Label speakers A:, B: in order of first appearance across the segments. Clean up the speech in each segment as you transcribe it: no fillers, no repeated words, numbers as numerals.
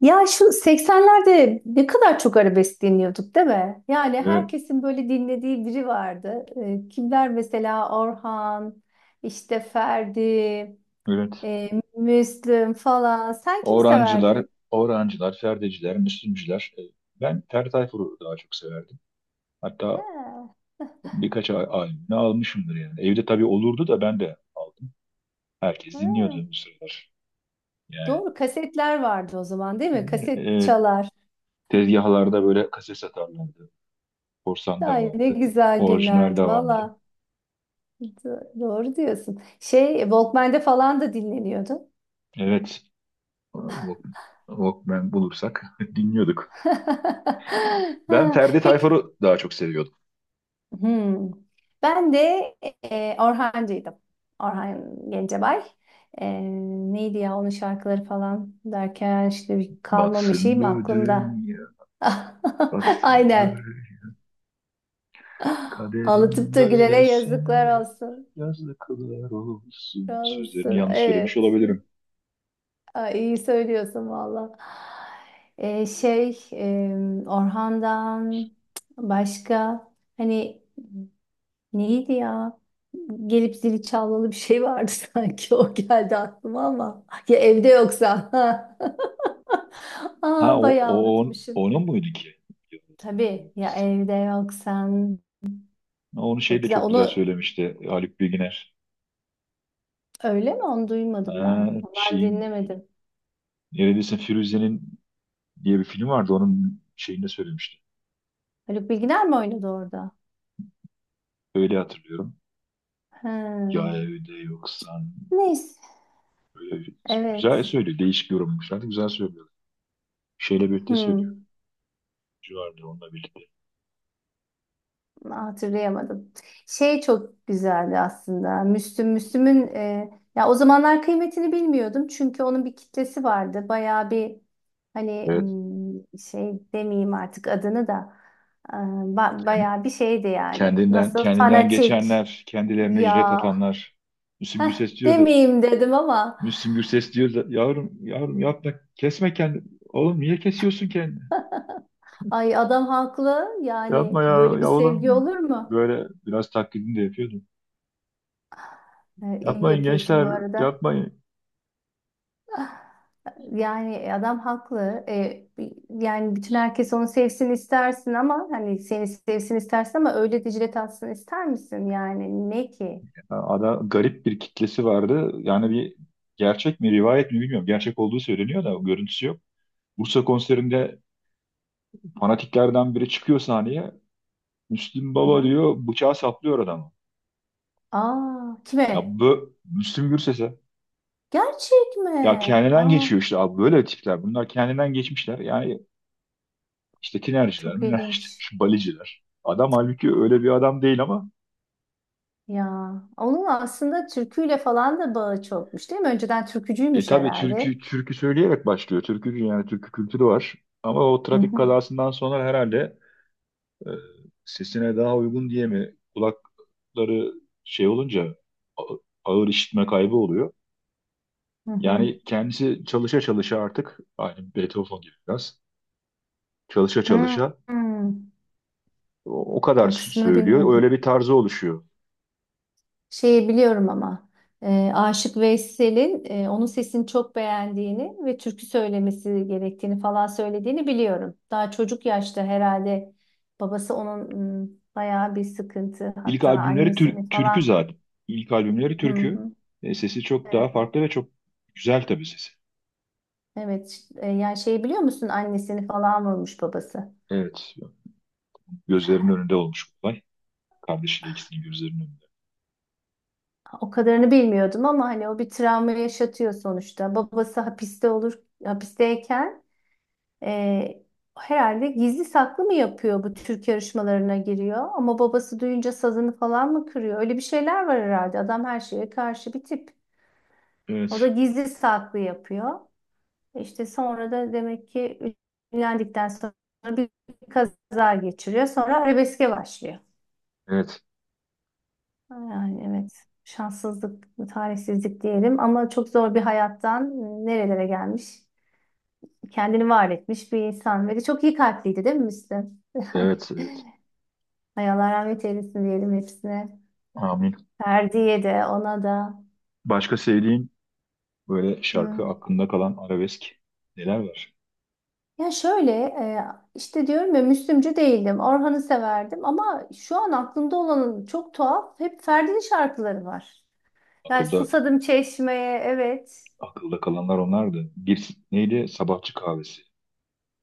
A: Ya şu 80'lerde ne kadar çok arabesk dinliyorduk, değil mi? Yani
B: Evet,
A: herkesin böyle dinlediği biri vardı. Kimler mesela? Orhan, işte Ferdi,
B: evet.
A: e, Müslüm falan. Sen kimi
B: Orancılar,
A: severdin?
B: Orancılar, Ferdeciler, Müslümcüler. Ben Ferdi Tayfur'u daha çok severdim.
A: He,
B: Hatta birkaç albümünü almışımdır yani. Evde tabii olurdu da ben de aldım. Herkes
A: he.
B: dinliyordu bu sıralar. Yani
A: Doğru kasetler vardı o zaman, değil mi?
B: e,
A: Kaset
B: e,
A: çalar.
B: tezgahlarda böyle kaset satarlardı. Korsan da
A: Ay ne
B: vardı.
A: güzel
B: Orijinal de
A: günlerdi
B: vardı.
A: valla. Doğru diyorsun. Şey Walkman'de falan da dinleniyordu.
B: Evet. Walk- Walkman bulursak dinliyorduk. Ben
A: Ha,
B: Ferdi
A: peki.
B: Tayfur'u daha çok seviyordum.
A: Hmm. Ben de Orhancıydım. Orhan Gencebay. E, neydi ya onun şarkıları falan derken işte bir kalmamış
B: Batsın
A: şeyim
B: bu
A: aklımda.
B: dünya, batsın bu
A: Aynen. Ağlatıp
B: kaderim
A: da gülene yazıklar
B: böylesine
A: olsun.
B: yazdı kılar olsun. Sözlerini
A: Olsun.
B: yanlış söylemiş
A: Evet.
B: olabilirim.
A: Ay, iyi söylüyorsun valla. Şey Orhan'dan başka hani neydi ya? Gelip zili çalmalı bir şey vardı sanki. O geldi aklıma ama. Ya evde yoksa.
B: Ha,
A: Aa,
B: o, o
A: bayağı
B: on-
A: unutmuşum.
B: onun muydu ki?
A: Tabii ya evde yoksan.
B: Onu şey
A: Çok
B: de
A: güzel.
B: çok güzel
A: Onu
B: söylemişti Haluk Bilginer.
A: öyle mi? Onu duymadım ben.
B: Ha,
A: Ben
B: şeyin
A: dinlemedim.
B: neredeyse Firuze'nin diye bir film vardı, onun şeyinde söylemişti.
A: Haluk Bilginer mi oynadı orada?
B: Öyle hatırlıyorum. Ya
A: He.
B: evde yoksan
A: Neyse.
B: böyle güzel
A: Evet.
B: söylüyor. Değişik yorumlamışlar. Güzel söylüyor. Şeyle birlikte söylüyor.
A: Hmm.
B: Civarda onunla birlikte.
A: Hatırlayamadım. Şey çok güzeldi aslında. Müslüm, Müslüm'ün ya o zamanlar kıymetini bilmiyordum çünkü onun bir kitlesi vardı. Bayağı bir hani
B: Evet.
A: şey demeyeyim artık adını da, bayağı bir şeydi yani.
B: Kendinden
A: Nasıl
B: kendinden
A: fanatik
B: geçenler, kendilerine jilet
A: ya.
B: atanlar. Müslüm Gürses diyordu.
A: Demeyeyim dedim ama
B: Müslüm Gürses diyor da, yavrum yavrum yapma, kesme kendini. Oğlum, niye kesiyorsun kendini?
A: ay adam haklı,
B: Yapma
A: yani
B: ya,
A: böyle bir
B: ya
A: sevgi
B: oğlum.
A: olur mu?
B: Böyle biraz taklidini de yapıyordu.
A: E, iyi
B: Yapmayın
A: yapıyorsun
B: gençler,
A: bu arada.
B: yapmayın.
A: Yani adam haklı. Yani bütün herkes onu sevsin istersin ama hani seni sevsin istersin, ama öyle Dicle tatsın ister misin? Yani ne ki?
B: Ya adam garip bir kitlesi vardı. Yani bir, gerçek mi rivayet mi bilmiyorum. Gerçek olduğu söyleniyor da görüntüsü yok. Bursa konserinde fanatiklerden biri çıkıyor sahneye. Müslüm
A: Hı
B: Baba
A: hı.
B: diyor, bıçağı saplıyor adamı.
A: Aa,
B: Ya
A: kime?
B: bu Müslüm Gürses'e.
A: Gerçek mi?
B: Ya kendinden
A: Aa,
B: geçiyor işte abi, böyle tipler. Bunlar kendinden geçmişler. Yani işte tinerciler,
A: çok
B: minerciler,
A: ilginç.
B: şu baliciler. Adam halbuki öyle bir adam değil ama
A: Ya onun aslında türküyle falan da bağı çokmuş, değil mi? Önceden türkücüymüş
B: tabii
A: herhalde.
B: türkü türkü söyleyerek başlıyor. Türkücü, yani türkü kültürü var. Ama o
A: Hı
B: trafik
A: hı,
B: kazasından sonra herhalde e, sesine daha uygun diye mi kulakları şey olunca a- ağır işitme kaybı oluyor.
A: hı hı.
B: Yani kendisi çalışa çalışa artık aynı Beethoven gibi biraz, çalışa
A: Hı,
B: çalışa
A: hı.
B: o kadar
A: O kısmını
B: söylüyor. Öyle
A: bilmiyordum.
B: bir tarzı oluşuyor.
A: Şeyi biliyorum ama Aşık Veysel'in onun sesini çok beğendiğini ve türkü söylemesi gerektiğini falan söylediğini biliyorum. Daha çocuk yaşta herhalde babası onun bayağı bir sıkıntı,
B: İlk
A: hatta
B: albümleri
A: annesini
B: türkü
A: falan.
B: zaten. İlk albümleri
A: Hı
B: türkü.
A: hı.
B: Sesi çok daha
A: Evet,
B: farklı ve çok güzel tabii sesi.
A: evet. Yani şey biliyor musun, annesini falan vurmuş babası.
B: Evet. Gözlerinin önünde olmuş bu olay. Kardeşiyle ikisinin gözlerinin önünde.
A: O kadarını bilmiyordum ama hani o bir travma yaşatıyor sonuçta. Babası hapiste olur, hapisteyken e, herhalde gizli saklı mı yapıyor, bu Türk yarışmalarına giriyor. Ama babası duyunca sazını falan mı kırıyor? Öyle bir şeyler var herhalde. Adam her şeye karşı bir tip. O da
B: Evet.
A: gizli saklı yapıyor. İşte sonra da demek ki ünlendikten sonra bir kaza geçiriyor. Sonra arabeske başlıyor.
B: Evet.
A: Yani evet, şanssızlık, talihsizlik diyelim ama çok zor bir hayattan nerelere gelmiş, kendini var etmiş bir insan. Ve de çok iyi kalpliydi değil mi Müslüm? Yani
B: Evet. Evet.
A: ay Allah rahmet eylesin diyelim hepsine.
B: Amin.
A: Ferdi'ye de ona da.
B: Başka sevdiğin böyle şarkı
A: Hmm.
B: aklında kalan arabesk neler var?
A: Ya şöyle, işte diyorum ya, Müslümcü değildim. Orhan'ı severdim ama şu an aklımda olan çok tuhaf, hep Ferdi'nin şarkıları var. Yani
B: Akılda
A: Susadım Çeşme'ye, evet.
B: akılda kalanlar onlardı. Bir, neydi? Sabahçı kahvesi.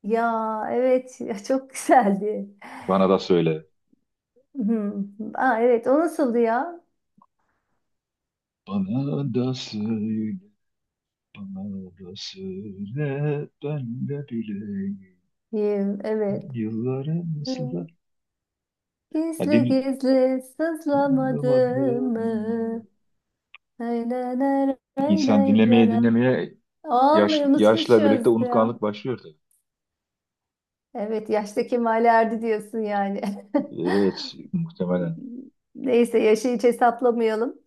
A: Ya evet ya çok güzeldi.
B: Bana da söyle.
A: Hı. Aa, evet o nasıldı ya?
B: Bana da söyle, bana da söyle, ben de bileyim.
A: Yim, evet.
B: Yılları nasıl da,
A: Hı.
B: ya
A: Gizli gizli sızlamadım
B: bulamadım.
A: mı? Nay, nay, nay, nay,
B: İnsan
A: nay,
B: dinlemeye
A: nay.
B: dinlemeye yaş,
A: Vallahi
B: yaşla birlikte
A: unutmuşuz ya.
B: unutkanlık başlıyor tabii.
A: Evet yaşta kemale erdi diyorsun yani.
B: Evet, muhtemelen.
A: Neyse yaşı hiç hesaplamayalım.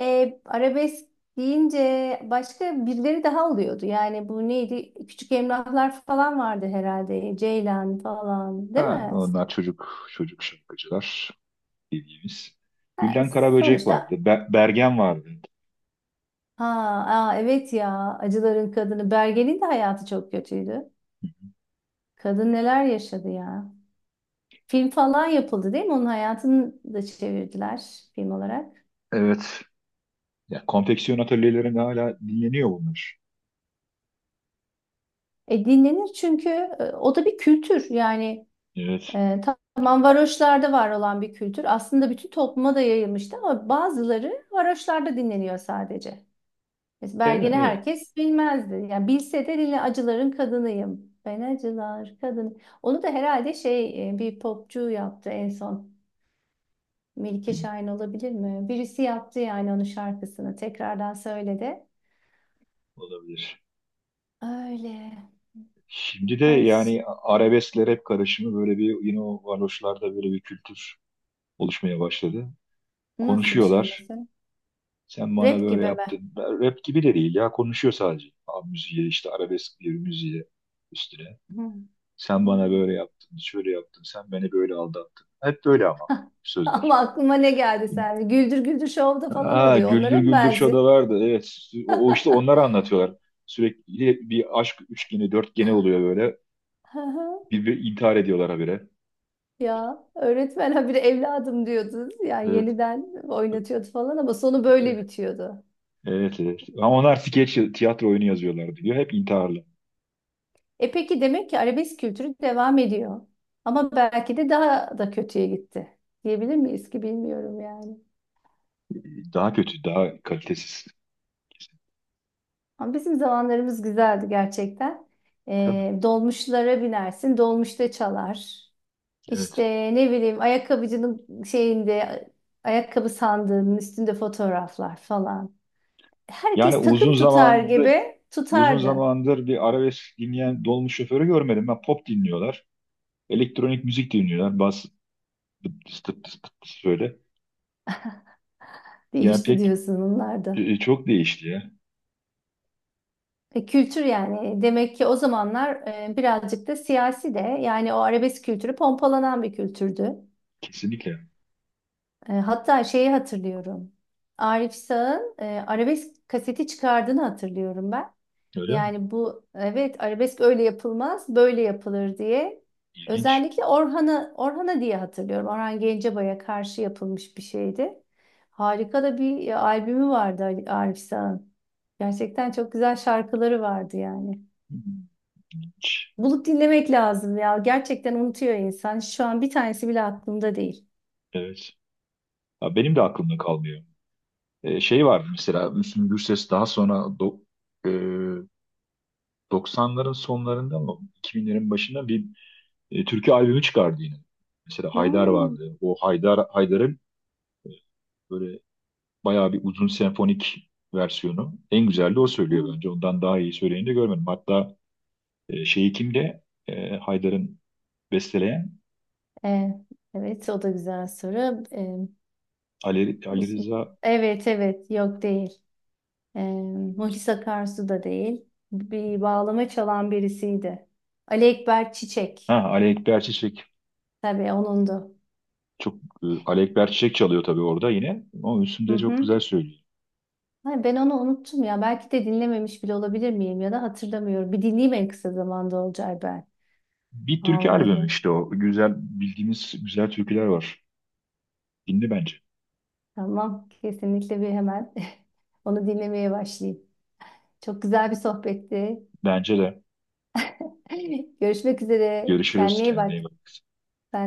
A: Arabesk deyince başka birileri daha oluyordu. Yani bu neydi? Küçük Emrahlar falan vardı herhalde. Ceylan falan, değil
B: Ha,
A: mi?
B: onlar çocuk çocuk şarkıcılar bildiğimiz.
A: E,
B: Gülden Karaböcek
A: Sonuçta
B: vardı. Bergen vardı.
A: ha, aa, evet ya Acıların Kadını Bergen'in de hayatı çok kötüydü. Kadın neler yaşadı ya. Film falan yapıldı, değil mi? Onun hayatını da çevirdiler film olarak.
B: Evet. Ya, konfeksiyon atölyelerinde hala dinleniyor bunlar.
A: Dinlenir çünkü o da bir kültür yani,
B: Evet.
A: tamam, varoşlarda var olan bir kültür. Aslında bütün topluma da yayılmıştı ama bazıları varoşlarda dinleniyor sadece. Biz Belgeni
B: Evet,
A: herkes bilmezdi. Yani bilse de dili acıların kadınıyım. Ben acılar kadın. Onu da herhalde şey, bir popçu yaptı en son. Melike Şahin olabilir mi? Birisi yaptı yani onun şarkısını. Tekrardan söyledi.
B: olabilir.
A: Öyle.
B: Şimdi de
A: Baş...
B: yani arabeskle rap karışımı böyle bir, yine o varoşlarda böyle bir kültür oluşmaya başladı.
A: Nasıl bir şey
B: Konuşuyorlar.
A: mesela?
B: Sen bana
A: Rap
B: böyle
A: gibi mi?
B: yaptın. Rap gibi de değil ya. Konuşuyor sadece. Abi müziğe işte, arabesk bir müziğe üstüne.
A: Hı.
B: Sen
A: Hı.
B: bana böyle yaptın. Şöyle yaptın. Sen beni böyle aldattın. Hep böyle ama
A: Hah. Ama
B: sözler.
A: aklıma ne geldi sen? Güldür Güldür Show'da falan
B: Ha,
A: oluyor.
B: Güldür
A: Onlara mı
B: Güldür
A: benziyor?
B: Show'da vardı. Evet. O işte, onları anlatıyorlar. Sürekli bir aşk üçgeni, dörtgeni oluyor böyle. Bir intihar ediyorlar habire.
A: Ya öğretmen habire evladım diyordu. Yani
B: Evet.
A: yeniden oynatıyordu falan ama sonu böyle bitiyordu.
B: Evet, evet. Ama onlar skeç, tiyatro oyunu yazıyorlar diyor. Hep intiharlı.
A: E peki, demek ki arabesk kültürü devam ediyor. Ama belki de daha da kötüye gitti. Diyebilir miyiz ki, bilmiyorum yani.
B: Daha kötü, daha kalitesiz.
A: Ama bizim zamanlarımız güzeldi gerçekten.
B: Tabii.
A: Dolmuşlara binersin, dolmuşta çalar. İşte
B: Evet.
A: ne bileyim ayakkabıcının şeyinde ayakkabı sandığının üstünde fotoğraflar falan.
B: Yani
A: Herkes
B: uzun
A: takım tutar
B: zamandır
A: gibi
B: uzun
A: tutardı.
B: zamandır bir arabesk dinleyen dolmuş şoförü görmedim. Ben, pop dinliyorlar. Elektronik müzik dinliyorlar. Bas, tıp tıs tıp tıs tıp tıs böyle. Yani
A: Değişti
B: pek,
A: diyorsun onlar da.
B: çok değişti ya.
A: Kültür yani, demek ki o zamanlar birazcık da siyasi de, yani o arabesk kültürü pompalanan bir kültürdü.
B: Kesinlikle.
A: Hatta şeyi hatırlıyorum. Arif Sağ'ın arabesk kaseti çıkardığını hatırlıyorum ben.
B: Öyle mi?
A: Yani bu, evet, arabesk öyle yapılmaz, böyle yapılır diye.
B: İlginç.
A: Özellikle Orhan'a, Orhan'a diye hatırlıyorum. Orhan Gencebay'a karşı yapılmış bir şeydi. Harika da bir albümü vardı Arif Sağ'ın. Gerçekten çok güzel şarkıları vardı yani.
B: İlginç.
A: Bulup dinlemek lazım ya. Gerçekten unutuyor insan. Şu an bir tanesi bile aklımda değil.
B: Evet. Ya benim de aklımda kalmıyor. Şey vardı mesela, Müslüm Gürses daha sonra e, 90'ların sonlarında mı 2000'lerin başında bir türkü albümü çıkardı yine. Mesela Haydar
A: Hmm.
B: vardı. O Haydar Haydar'ın böyle bayağı bir uzun senfonik versiyonu. En güzel de o söylüyor
A: Hmm.
B: bence. Ondan daha iyi söyleyeni de görmedim. Hatta şeyi kimde? Haydar'ın besteleyen,
A: E, evet o da güzel soru.
B: Ali
A: Uz-
B: Rıza,
A: evet evet yok değil. Ee, Muhlis Akarsu da değil. Bir bağlama çalan birisiydi. Ali Ekber
B: ha,
A: Çiçek.
B: Ali Ekber Çiçek.
A: Tabii onundu.
B: Çok, Ali Ekber Çiçek çalıyor tabii orada yine. Ama
A: Hı
B: üstünde çok güzel
A: hı.
B: söylüyor.
A: Ay, ben onu unuttum ya. Belki de dinlememiş bile olabilir miyim ya da hatırlamıyorum. Bir dinleyeyim en kısa zamanda Olcay ben.
B: Bir türkü albümü
A: Vallahi.
B: işte o. Güzel, bildiğimiz güzel türküler var. Dinle bence.
A: Tamam. Kesinlikle bir hemen onu dinlemeye başlayayım. Çok güzel bir sohbetti.
B: Bence de.
A: Görüşmek üzere.
B: Görüşürüz.
A: Kendine iyi
B: Kendine
A: bak.
B: iyi bak.
A: Sen